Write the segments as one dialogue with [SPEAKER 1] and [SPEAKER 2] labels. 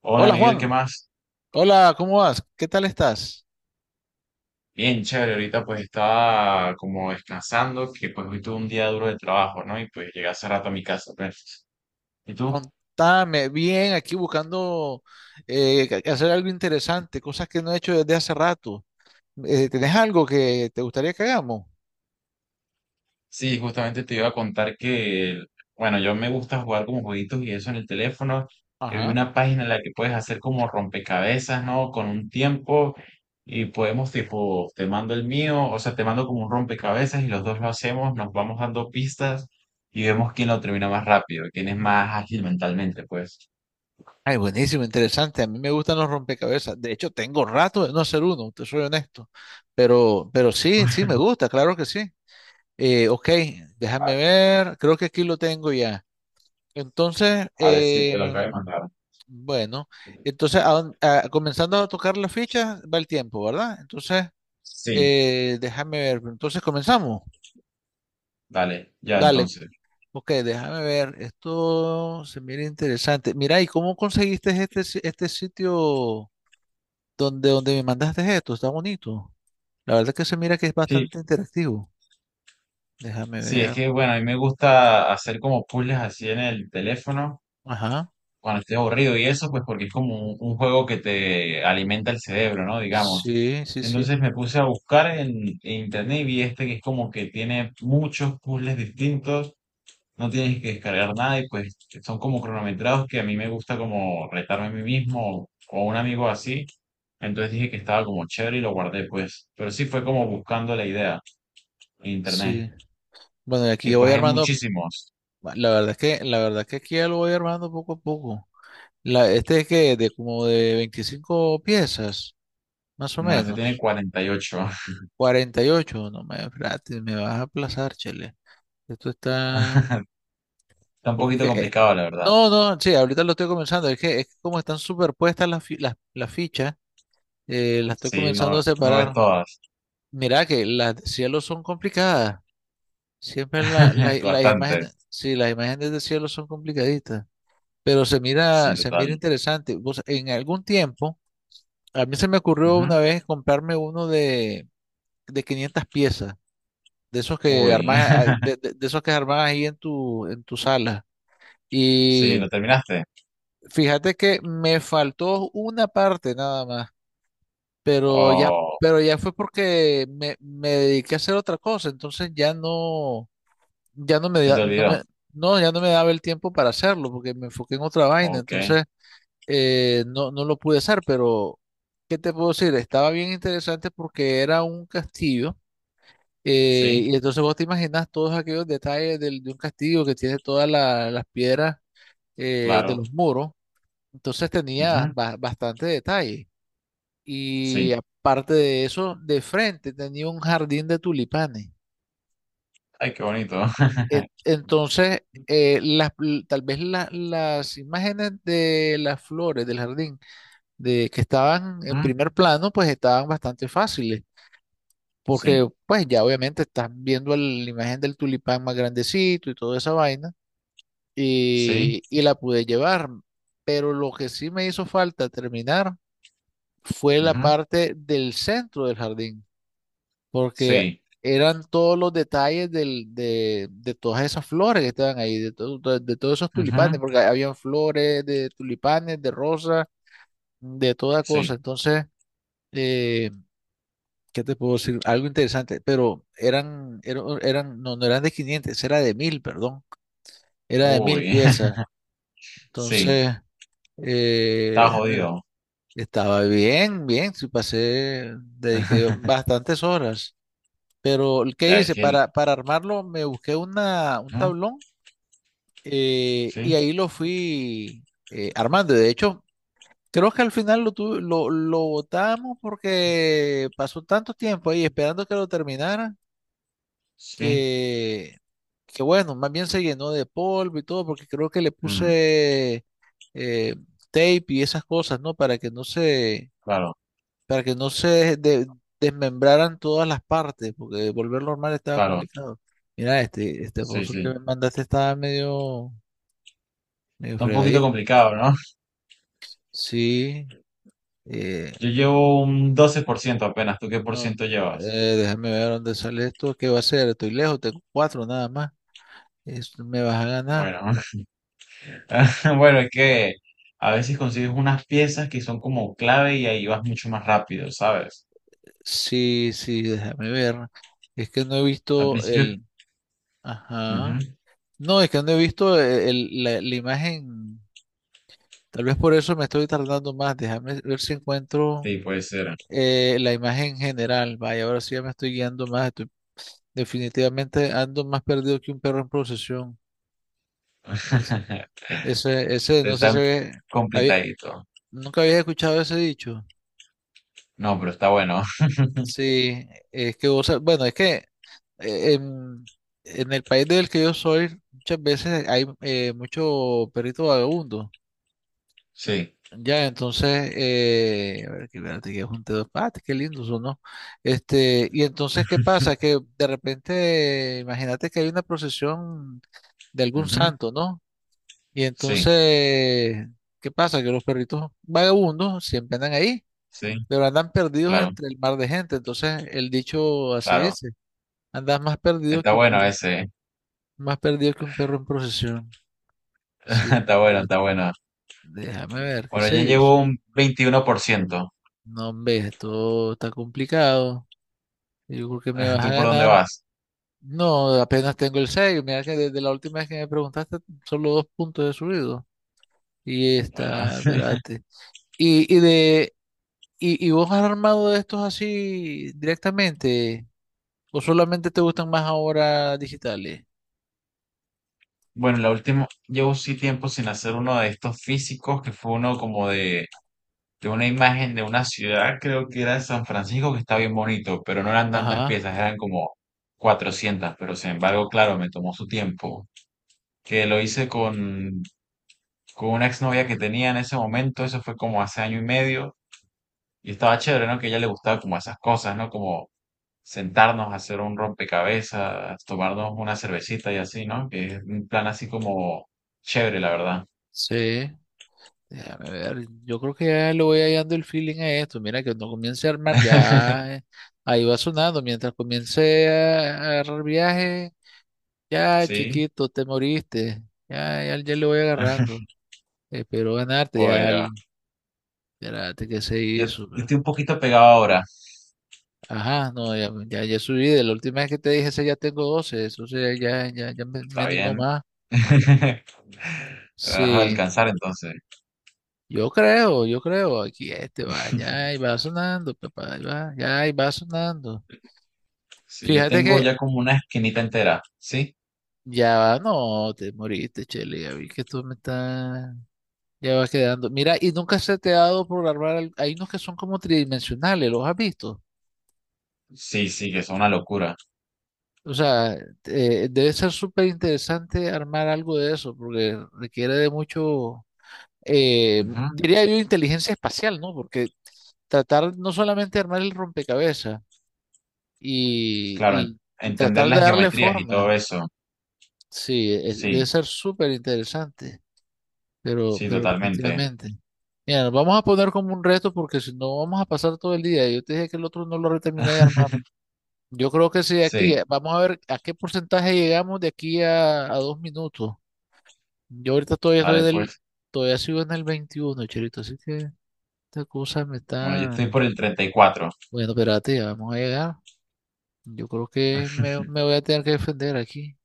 [SPEAKER 1] Hola
[SPEAKER 2] Hola
[SPEAKER 1] Miguel, ¿qué
[SPEAKER 2] Juan,
[SPEAKER 1] más?
[SPEAKER 2] hola, ¿cómo vas? ¿Qué tal estás?
[SPEAKER 1] Bien, chévere, ahorita pues estaba como descansando, que pues hoy tuve un día duro de trabajo, ¿no? Y pues llegué hace rato a mi casa, pues. ¿Y tú?
[SPEAKER 2] Contame bien, aquí buscando hacer algo interesante, cosas que no he hecho desde hace rato. ¿Tenés algo que te gustaría que hagamos?
[SPEAKER 1] Sí, justamente te iba a contar que, bueno, yo me gusta jugar como jueguitos y eso en el teléfono. Que vi
[SPEAKER 2] Ajá.
[SPEAKER 1] una página en la que puedes hacer como rompecabezas, ¿no? Con un tiempo y podemos tipo, te mando el mío, o sea, te mando como un rompecabezas y los dos lo hacemos, nos vamos dando pistas y vemos quién lo termina más rápido, quién es más ágil mentalmente, pues.
[SPEAKER 2] Ay, buenísimo, interesante. A mí me gustan los rompecabezas. De hecho, tengo rato de no hacer uno, te soy honesto. Pero sí, sí me gusta, claro que sí. Ok, déjame ver, creo que aquí lo tengo ya. Entonces,
[SPEAKER 1] Vale, sí, te lo acabo de mandar.
[SPEAKER 2] bueno, entonces comenzando a tocar las fichas va el tiempo, ¿verdad? Entonces,
[SPEAKER 1] Sí,
[SPEAKER 2] déjame ver, entonces comenzamos.
[SPEAKER 1] dale, ya
[SPEAKER 2] Dale,
[SPEAKER 1] entonces.
[SPEAKER 2] ok, déjame ver, esto se mira interesante. Mira, ¿y cómo conseguiste este sitio donde me mandaste esto? Está bonito. La verdad que se mira que es
[SPEAKER 1] Sí,
[SPEAKER 2] bastante interactivo. Déjame
[SPEAKER 1] sí,
[SPEAKER 2] ver.
[SPEAKER 1] es que bueno, a mí me gusta hacer como puzzles así en el teléfono
[SPEAKER 2] Ajá.
[SPEAKER 1] cuando estoy aburrido y eso, pues porque es como un juego que te alimenta el cerebro, ¿no? Digamos.
[SPEAKER 2] Sí, sí, sí,
[SPEAKER 1] Entonces me puse a buscar en internet y vi este que es como que tiene muchos puzzles distintos, no tienes que descargar nada y pues son como cronometrados que a mí me gusta como retarme a mí mismo o a un amigo así. Entonces dije que estaba como chévere y lo guardé, pues. Pero sí fue como buscando la idea en internet.
[SPEAKER 2] sí. Bueno, y
[SPEAKER 1] Y
[SPEAKER 2] aquí voy
[SPEAKER 1] pues hay
[SPEAKER 2] armando.
[SPEAKER 1] muchísimos.
[SPEAKER 2] La verdad es que aquí ya lo voy armando poco a poco. Este es que de como de 25 piezas, más o
[SPEAKER 1] No, este tiene
[SPEAKER 2] menos.
[SPEAKER 1] 48.
[SPEAKER 2] 48, no me, espérate, me vas a aplazar, chele. Esto está,
[SPEAKER 1] Está un
[SPEAKER 2] porque
[SPEAKER 1] poquito complicado, la verdad.
[SPEAKER 2] no, no, sí, ahorita lo estoy comenzando. Es que como están superpuestas las fichas, las estoy
[SPEAKER 1] Sí, no,
[SPEAKER 2] comenzando a
[SPEAKER 1] no ves
[SPEAKER 2] separar.
[SPEAKER 1] todas.
[SPEAKER 2] Mira que las de cielo son complicadas. Siempre la, la- las
[SPEAKER 1] Bastante.
[SPEAKER 2] imágenes, sí, las imágenes de cielo son complicaditas. Pero se
[SPEAKER 1] Sí,
[SPEAKER 2] mira, se
[SPEAKER 1] total.
[SPEAKER 2] mira interesante. Vos, en algún tiempo, a mí se me ocurrió
[SPEAKER 1] Ujú.
[SPEAKER 2] una vez comprarme uno de 500 piezas, de esos que
[SPEAKER 1] Uy.
[SPEAKER 2] armás, ah, de esos que armás ahí en tu sala.
[SPEAKER 1] Sí,
[SPEAKER 2] Y
[SPEAKER 1] ¿lo terminaste?
[SPEAKER 2] fíjate que me faltó una parte nada más, pero ya,
[SPEAKER 1] ¿O
[SPEAKER 2] pero ya fue porque me dediqué a hacer otra cosa, entonces
[SPEAKER 1] se
[SPEAKER 2] da-
[SPEAKER 1] te
[SPEAKER 2] no
[SPEAKER 1] olvidó?
[SPEAKER 2] me, no, ya no me daba el tiempo para hacerlo, porque me enfoqué en otra vaina,
[SPEAKER 1] Ok.
[SPEAKER 2] entonces no, no lo pude hacer, pero ¿qué te puedo decir? Estaba bien interesante porque era un castillo,
[SPEAKER 1] Sí,
[SPEAKER 2] y entonces vos te imaginas todos aquellos detalles de un castillo que tiene todas las piedras, de
[SPEAKER 1] claro.
[SPEAKER 2] los muros, entonces tenía
[SPEAKER 1] Ujú.
[SPEAKER 2] bastante detalle, y
[SPEAKER 1] Sí.
[SPEAKER 2] aparte de eso, de frente tenía un jardín de tulipanes.
[SPEAKER 1] Ay, qué bonito.
[SPEAKER 2] Entonces, tal vez las imágenes de las flores del jardín de que estaban en
[SPEAKER 1] Ujú.
[SPEAKER 2] primer plano, pues estaban bastante fáciles, porque
[SPEAKER 1] Sí,
[SPEAKER 2] pues ya obviamente estás viendo la imagen del tulipán más grandecito y toda esa vaina,
[SPEAKER 1] sí,
[SPEAKER 2] y la pude llevar, pero lo que sí me hizo falta terminar fue la
[SPEAKER 1] ujú,
[SPEAKER 2] parte del centro del jardín, porque
[SPEAKER 1] sí,
[SPEAKER 2] eran todos los detalles de todas esas flores que estaban ahí, de todos esos tulipanes,
[SPEAKER 1] ujú,
[SPEAKER 2] porque habían flores de tulipanes, de rosas, de toda
[SPEAKER 1] sí.
[SPEAKER 2] cosa, entonces... eh, ¿Qué te puedo decir? Algo interesante, pero no, no eran de 500, era de 1000, perdón, era de 1000
[SPEAKER 1] Uy,
[SPEAKER 2] piezas.
[SPEAKER 1] sí,
[SPEAKER 2] Entonces,
[SPEAKER 1] está
[SPEAKER 2] déjame ver,
[SPEAKER 1] jodido.
[SPEAKER 2] estaba bien, bien, sí pasé, dediqué bastantes horas. Pero, ¿qué
[SPEAKER 1] Ya es
[SPEAKER 2] hice?
[SPEAKER 1] que el...
[SPEAKER 2] Para armarlo me busqué una, un
[SPEAKER 1] Ujú.
[SPEAKER 2] tablón, y
[SPEAKER 1] Sí,
[SPEAKER 2] ahí lo fui, armando. De hecho, creo que al final lo botamos porque pasó tanto tiempo ahí esperando que lo terminara,
[SPEAKER 1] sí,
[SPEAKER 2] que, que bueno, más bien se llenó de polvo y todo, porque creo que le
[SPEAKER 1] mm,
[SPEAKER 2] puse eh, tape y esas cosas, ¿no? Para que no se,
[SPEAKER 1] claro,
[SPEAKER 2] para que no se desmembraran todas las partes, porque volverlo normal estaba
[SPEAKER 1] claro,
[SPEAKER 2] complicado. Mira, este
[SPEAKER 1] sí,
[SPEAKER 2] puzzle que me
[SPEAKER 1] sí.
[SPEAKER 2] mandaste estaba medio, medio
[SPEAKER 1] Está un poquito
[SPEAKER 2] fregadito.
[SPEAKER 1] complicado, ¿no?
[SPEAKER 2] Sí, eh,
[SPEAKER 1] Yo llevo un 12% apenas. ¿Tú qué por
[SPEAKER 2] no,
[SPEAKER 1] ciento llevas?
[SPEAKER 2] déjame ver dónde sale esto. ¿Qué va a ser? Estoy lejos, tengo cuatro nada más. Esto me vas a ganar.
[SPEAKER 1] Bueno, bueno, es que a veces consigues unas piezas que son como clave y ahí vas mucho más rápido, ¿sabes?
[SPEAKER 2] Sí, sí, déjame ver. Es que no he
[SPEAKER 1] Al
[SPEAKER 2] visto
[SPEAKER 1] principio...
[SPEAKER 2] el... Ajá.
[SPEAKER 1] Ujú.
[SPEAKER 2] No, es que no he visto la imagen. Tal vez por eso me estoy tardando más. Déjame ver si encuentro
[SPEAKER 1] Sí, puede ser.
[SPEAKER 2] la imagen general. Vaya, ahora sí ya me estoy guiando más. Definitivamente ando más perdido que un perro en procesión. Ese, no
[SPEAKER 1] Está
[SPEAKER 2] sé si había-
[SPEAKER 1] complicadito.
[SPEAKER 2] nunca había escuchado ese dicho.
[SPEAKER 1] No, pero está bueno.
[SPEAKER 2] Sí, es que vos, bueno, es que eh, en, en el país del que yo soy, muchas veces hay mucho perrito vagabundo.
[SPEAKER 1] Sí.
[SPEAKER 2] Ya, entonces, a ver, que espérate, que es un dedo, ah, qué lindos son, ¿no? Este, y entonces, ¿qué pasa? Que de repente, imagínate que hay una procesión de algún
[SPEAKER 1] Ujú.
[SPEAKER 2] santo, ¿no? Y
[SPEAKER 1] Sí,
[SPEAKER 2] entonces, ¿qué pasa? Que los perritos vagabundos siempre andan ahí,
[SPEAKER 1] sí,
[SPEAKER 2] pero andan perdidos
[SPEAKER 1] claro,
[SPEAKER 2] entre el mar de gente. Entonces, el dicho así
[SPEAKER 1] claro.
[SPEAKER 2] dice, andas más perdido
[SPEAKER 1] Está
[SPEAKER 2] que un
[SPEAKER 1] bueno
[SPEAKER 2] perro.
[SPEAKER 1] ese.
[SPEAKER 2] Más perdido que un perro en procesión. Sí,
[SPEAKER 1] Está bueno,
[SPEAKER 2] eh,
[SPEAKER 1] está bueno.
[SPEAKER 2] déjame ver, qué
[SPEAKER 1] Bueno, ya
[SPEAKER 2] sé yo.
[SPEAKER 1] llevo un 21%.
[SPEAKER 2] No, hombre, esto está complicado. Yo creo que me vas a
[SPEAKER 1] ¿Tú por dónde
[SPEAKER 2] ganar.
[SPEAKER 1] vas?
[SPEAKER 2] No, apenas tengo el seis. Mira que desde la última vez que me preguntaste, solo dos puntos he subido. Y
[SPEAKER 1] Bueno,
[SPEAKER 2] está, espérate. Y, y de, y vos, ¿has armado de estos así directamente, o solamente te gustan más ahora digitales?
[SPEAKER 1] bueno, la última, llevo sí tiempo sin hacer uno de estos físicos, que fue uno como de una imagen de una ciudad, creo que era de San Francisco, que está bien bonito, pero no eran tantas
[SPEAKER 2] Ajá,
[SPEAKER 1] piezas, eran como 400, pero sin embargo, claro, me tomó su tiempo, que lo hice con una exnovia que tenía en ese momento, eso fue como hace año y medio, y estaba chévere, ¿no? Que a ella le gustaba como esas cosas, ¿no? Como sentarnos a hacer un rompecabezas, tomarnos una cervecita y así, ¿no? Que es un plan así como chévere, la verdad.
[SPEAKER 2] sí. Déjame ver, yo creo que ya le voy hallando el feeling a esto. Mira, que cuando comience a armar, ya ahí va sonando. Mientras comience a agarrar viaje, ya
[SPEAKER 1] Sí.
[SPEAKER 2] chiquito, te moriste. Ya, ya, ya le voy agarrando. Espero ganarte,
[SPEAKER 1] Bueno,
[SPEAKER 2] espérate, que se
[SPEAKER 1] yo,
[SPEAKER 2] hizo,
[SPEAKER 1] yo estoy un poquito pegado ahora,
[SPEAKER 2] Ajá, no, ya, ya, ya subí. De la última vez que te dije, ese ya tengo 12. Eso sea, ya, ya, ya me
[SPEAKER 1] está
[SPEAKER 2] animó
[SPEAKER 1] bien.
[SPEAKER 2] más.
[SPEAKER 1] Vas a
[SPEAKER 2] Sí.
[SPEAKER 1] alcanzar entonces.
[SPEAKER 2] Yo creo, aquí este va, ya ahí va sonando, papá, ahí va, ya ahí va sonando.
[SPEAKER 1] Sí, yo
[SPEAKER 2] Fíjate
[SPEAKER 1] tengo
[SPEAKER 2] que
[SPEAKER 1] ya como una esquinita entera, ¿sí?
[SPEAKER 2] ya va, no, te moriste, Chele, ya vi que tú me estás, ya vas quedando. Mira, y nunca se te ha dado por armar, hay unos que son como tridimensionales, ¿los has visto?
[SPEAKER 1] Sí, sí, que es una locura.
[SPEAKER 2] O sea, debe ser súper interesante armar algo de eso, porque requiere de mucho, diría yo, inteligencia espacial, ¿no? Porque tratar no solamente de armar el rompecabezas,
[SPEAKER 1] Pues, claro,
[SPEAKER 2] y, y
[SPEAKER 1] entender
[SPEAKER 2] tratar de
[SPEAKER 1] las
[SPEAKER 2] darle
[SPEAKER 1] geometrías y todo
[SPEAKER 2] forma,
[SPEAKER 1] eso.
[SPEAKER 2] sí, debe
[SPEAKER 1] Sí,
[SPEAKER 2] ser súper interesante. Pero,
[SPEAKER 1] sí,
[SPEAKER 2] pero
[SPEAKER 1] totalmente.
[SPEAKER 2] definitivamente. Mira, nos vamos a poner como un reto porque si no vamos a pasar todo el día. Yo te dije que el otro no lo terminé de armar. Yo creo que sí, aquí.
[SPEAKER 1] Sí,
[SPEAKER 2] Vamos a ver a qué porcentaje llegamos de aquí a 2 minutos. Yo ahorita todavía
[SPEAKER 1] vale, pues.
[SPEAKER 2] todavía sigo en el 21, Cherito, así que esta cosa me
[SPEAKER 1] Bueno, yo
[SPEAKER 2] está...
[SPEAKER 1] estoy por el 34.
[SPEAKER 2] Bueno, espérate, ya vamos a llegar. Yo creo que me voy a tener que defender aquí.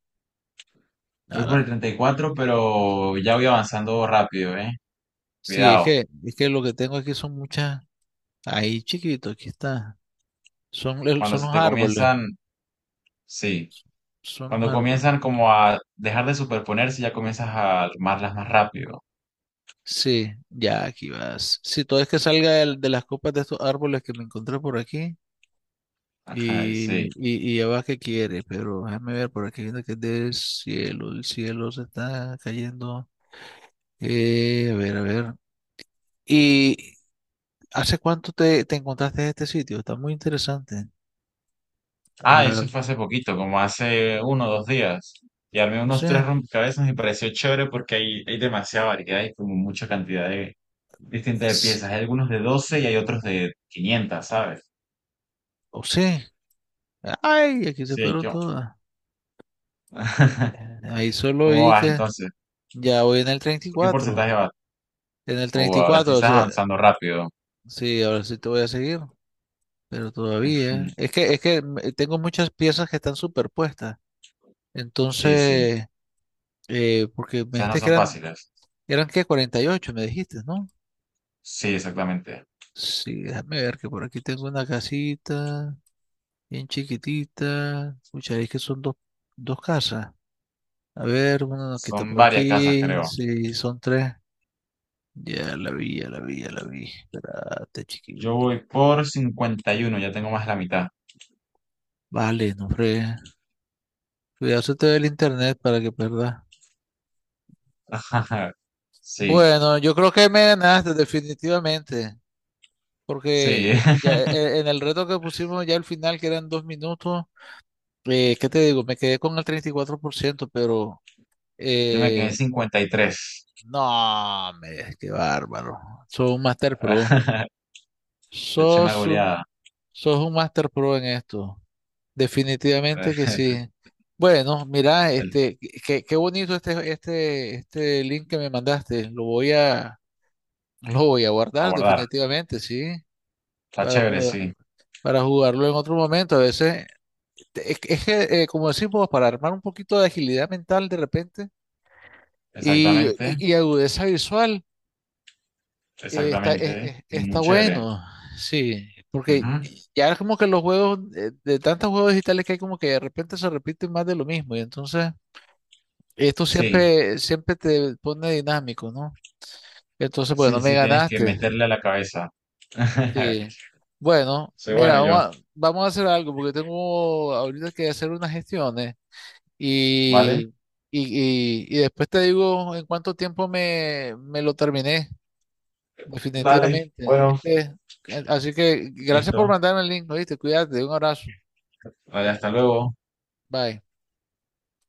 [SPEAKER 2] A
[SPEAKER 1] Voy por
[SPEAKER 2] la-
[SPEAKER 1] el 34, pero ya voy avanzando rápido, ¿eh?
[SPEAKER 2] Sí,
[SPEAKER 1] Cuidado.
[SPEAKER 2] es que lo que tengo aquí son muchas... Ahí, chiquito, aquí está. Son, el-
[SPEAKER 1] Cuando
[SPEAKER 2] son
[SPEAKER 1] se
[SPEAKER 2] los
[SPEAKER 1] te
[SPEAKER 2] árboles.
[SPEAKER 1] comienzan, sí.
[SPEAKER 2] Son los
[SPEAKER 1] Cuando
[SPEAKER 2] árboles.
[SPEAKER 1] comienzan como a dejar de superponerse, ya comienzas a armarlas más rápido.
[SPEAKER 2] Sí, ya aquí vas. Si todo es que salga de las copas de estos árboles que me encontré por aquí.
[SPEAKER 1] Ajá, y sí.
[SPEAKER 2] Y ya va que quiere, pero déjame ver por aquí viendo que es del cielo. El cielo se está cayendo. A ver, a ver. ¿Y hace cuánto te encontraste en este sitio? Está muy interesante. La
[SPEAKER 1] Ah, eso
[SPEAKER 2] verdad.
[SPEAKER 1] fue hace poquito, como hace uno o dos días. Y armé
[SPEAKER 2] O
[SPEAKER 1] unos tres
[SPEAKER 2] sea,
[SPEAKER 1] rompecabezas y me pareció chévere porque hay demasiada variedad y como mucha cantidad de, distinta de
[SPEAKER 2] s-
[SPEAKER 1] piezas. Hay algunos de 12 y hay otros de 500, ¿sabes?
[SPEAKER 2] o sea. Ay, aquí se
[SPEAKER 1] Sí,
[SPEAKER 2] fueron
[SPEAKER 1] yo.
[SPEAKER 2] todas. Ahí solo
[SPEAKER 1] ¿Cómo
[SPEAKER 2] oí
[SPEAKER 1] vas
[SPEAKER 2] que
[SPEAKER 1] entonces?
[SPEAKER 2] ya voy en el treinta y
[SPEAKER 1] ¿Por qué
[SPEAKER 2] cuatro
[SPEAKER 1] porcentaje vas?
[SPEAKER 2] En el
[SPEAKER 1] Oh, ahora sí
[SPEAKER 2] 34, o
[SPEAKER 1] estás
[SPEAKER 2] sea,
[SPEAKER 1] avanzando rápido.
[SPEAKER 2] sí, ahora sí te voy a seguir, pero
[SPEAKER 1] Mm.
[SPEAKER 2] todavía. Es que, es que tengo muchas piezas que están superpuestas.
[SPEAKER 1] Sí, sí.
[SPEAKER 2] Entonces, porque me
[SPEAKER 1] Esas no
[SPEAKER 2] dijiste que
[SPEAKER 1] son
[SPEAKER 2] eran,
[SPEAKER 1] fáciles.
[SPEAKER 2] eran que 48, me dijiste, ¿no?
[SPEAKER 1] Sí, exactamente.
[SPEAKER 2] Sí, déjame ver que por aquí tengo una casita bien chiquitita. Escucha, es que son dos, dos casas. A ver, una nos quita
[SPEAKER 1] Son
[SPEAKER 2] por
[SPEAKER 1] varias casas,
[SPEAKER 2] aquí.
[SPEAKER 1] creo.
[SPEAKER 2] Sí, son tres. Ya la vi, ya la vi, ya la vi. Espérate,
[SPEAKER 1] Yo
[SPEAKER 2] chiquito.
[SPEAKER 1] voy por 51, ya tengo más de la mitad.
[SPEAKER 2] Vale, no fregues. Cuidarse todo el internet para que perda.
[SPEAKER 1] Sí,
[SPEAKER 2] Bueno, yo creo que me ganaste definitivamente,
[SPEAKER 1] sí.
[SPEAKER 2] porque ya en el reto que pusimos ya al final, que eran 2 minutos, ¿qué te digo? Me quedé con el 34%, pero
[SPEAKER 1] Yo me quedé en
[SPEAKER 2] eh,
[SPEAKER 1] 53.
[SPEAKER 2] no, me, qué bárbaro. Sos un Master Pro.
[SPEAKER 1] Le eché una
[SPEAKER 2] Sos un,
[SPEAKER 1] goleada.
[SPEAKER 2] sos un Master Pro en esto. Definitivamente que sí. Bueno, mira,
[SPEAKER 1] el-
[SPEAKER 2] este, qué, qué bonito este link que me mandaste. Lo voy a, lo voy a
[SPEAKER 1] A
[SPEAKER 2] guardar
[SPEAKER 1] guardar.
[SPEAKER 2] definitivamente, sí,
[SPEAKER 1] Está
[SPEAKER 2] para
[SPEAKER 1] chévere,
[SPEAKER 2] poder-
[SPEAKER 1] sí.
[SPEAKER 2] para jugarlo en otro momento. A veces, es, que, como decimos, para armar un poquito de agilidad mental de repente y,
[SPEAKER 1] Exactamente.
[SPEAKER 2] y agudeza visual, está,
[SPEAKER 1] Exactamente, muy
[SPEAKER 2] está
[SPEAKER 1] chévere.
[SPEAKER 2] bueno, sí, porque
[SPEAKER 1] Ujú.
[SPEAKER 2] ya es como que los juegos, tantos juegos digitales que hay, como que de repente se repiten más de lo mismo y entonces esto
[SPEAKER 1] Sí,
[SPEAKER 2] siempre, siempre te pone dinámico, ¿no? Entonces,
[SPEAKER 1] sí,
[SPEAKER 2] bueno, me
[SPEAKER 1] sí, tienes que
[SPEAKER 2] ganaste.
[SPEAKER 1] meterle a la cabeza.
[SPEAKER 2] Sí. Bueno,
[SPEAKER 1] Soy bueno
[SPEAKER 2] mira, vamos
[SPEAKER 1] yo,
[SPEAKER 2] a, vamos a hacer algo porque tengo ahorita que hacer unas gestiones
[SPEAKER 1] ¿vale?
[SPEAKER 2] y, y después te digo en cuánto tiempo me lo terminé,
[SPEAKER 1] Dale,
[SPEAKER 2] definitivamente.
[SPEAKER 1] bueno,
[SPEAKER 2] Este, así que gracias
[SPEAKER 1] listo.
[SPEAKER 2] por mandarme el link, ¿oíste? Cuídate, un abrazo.
[SPEAKER 1] Vale, hasta luego.
[SPEAKER 2] Bye.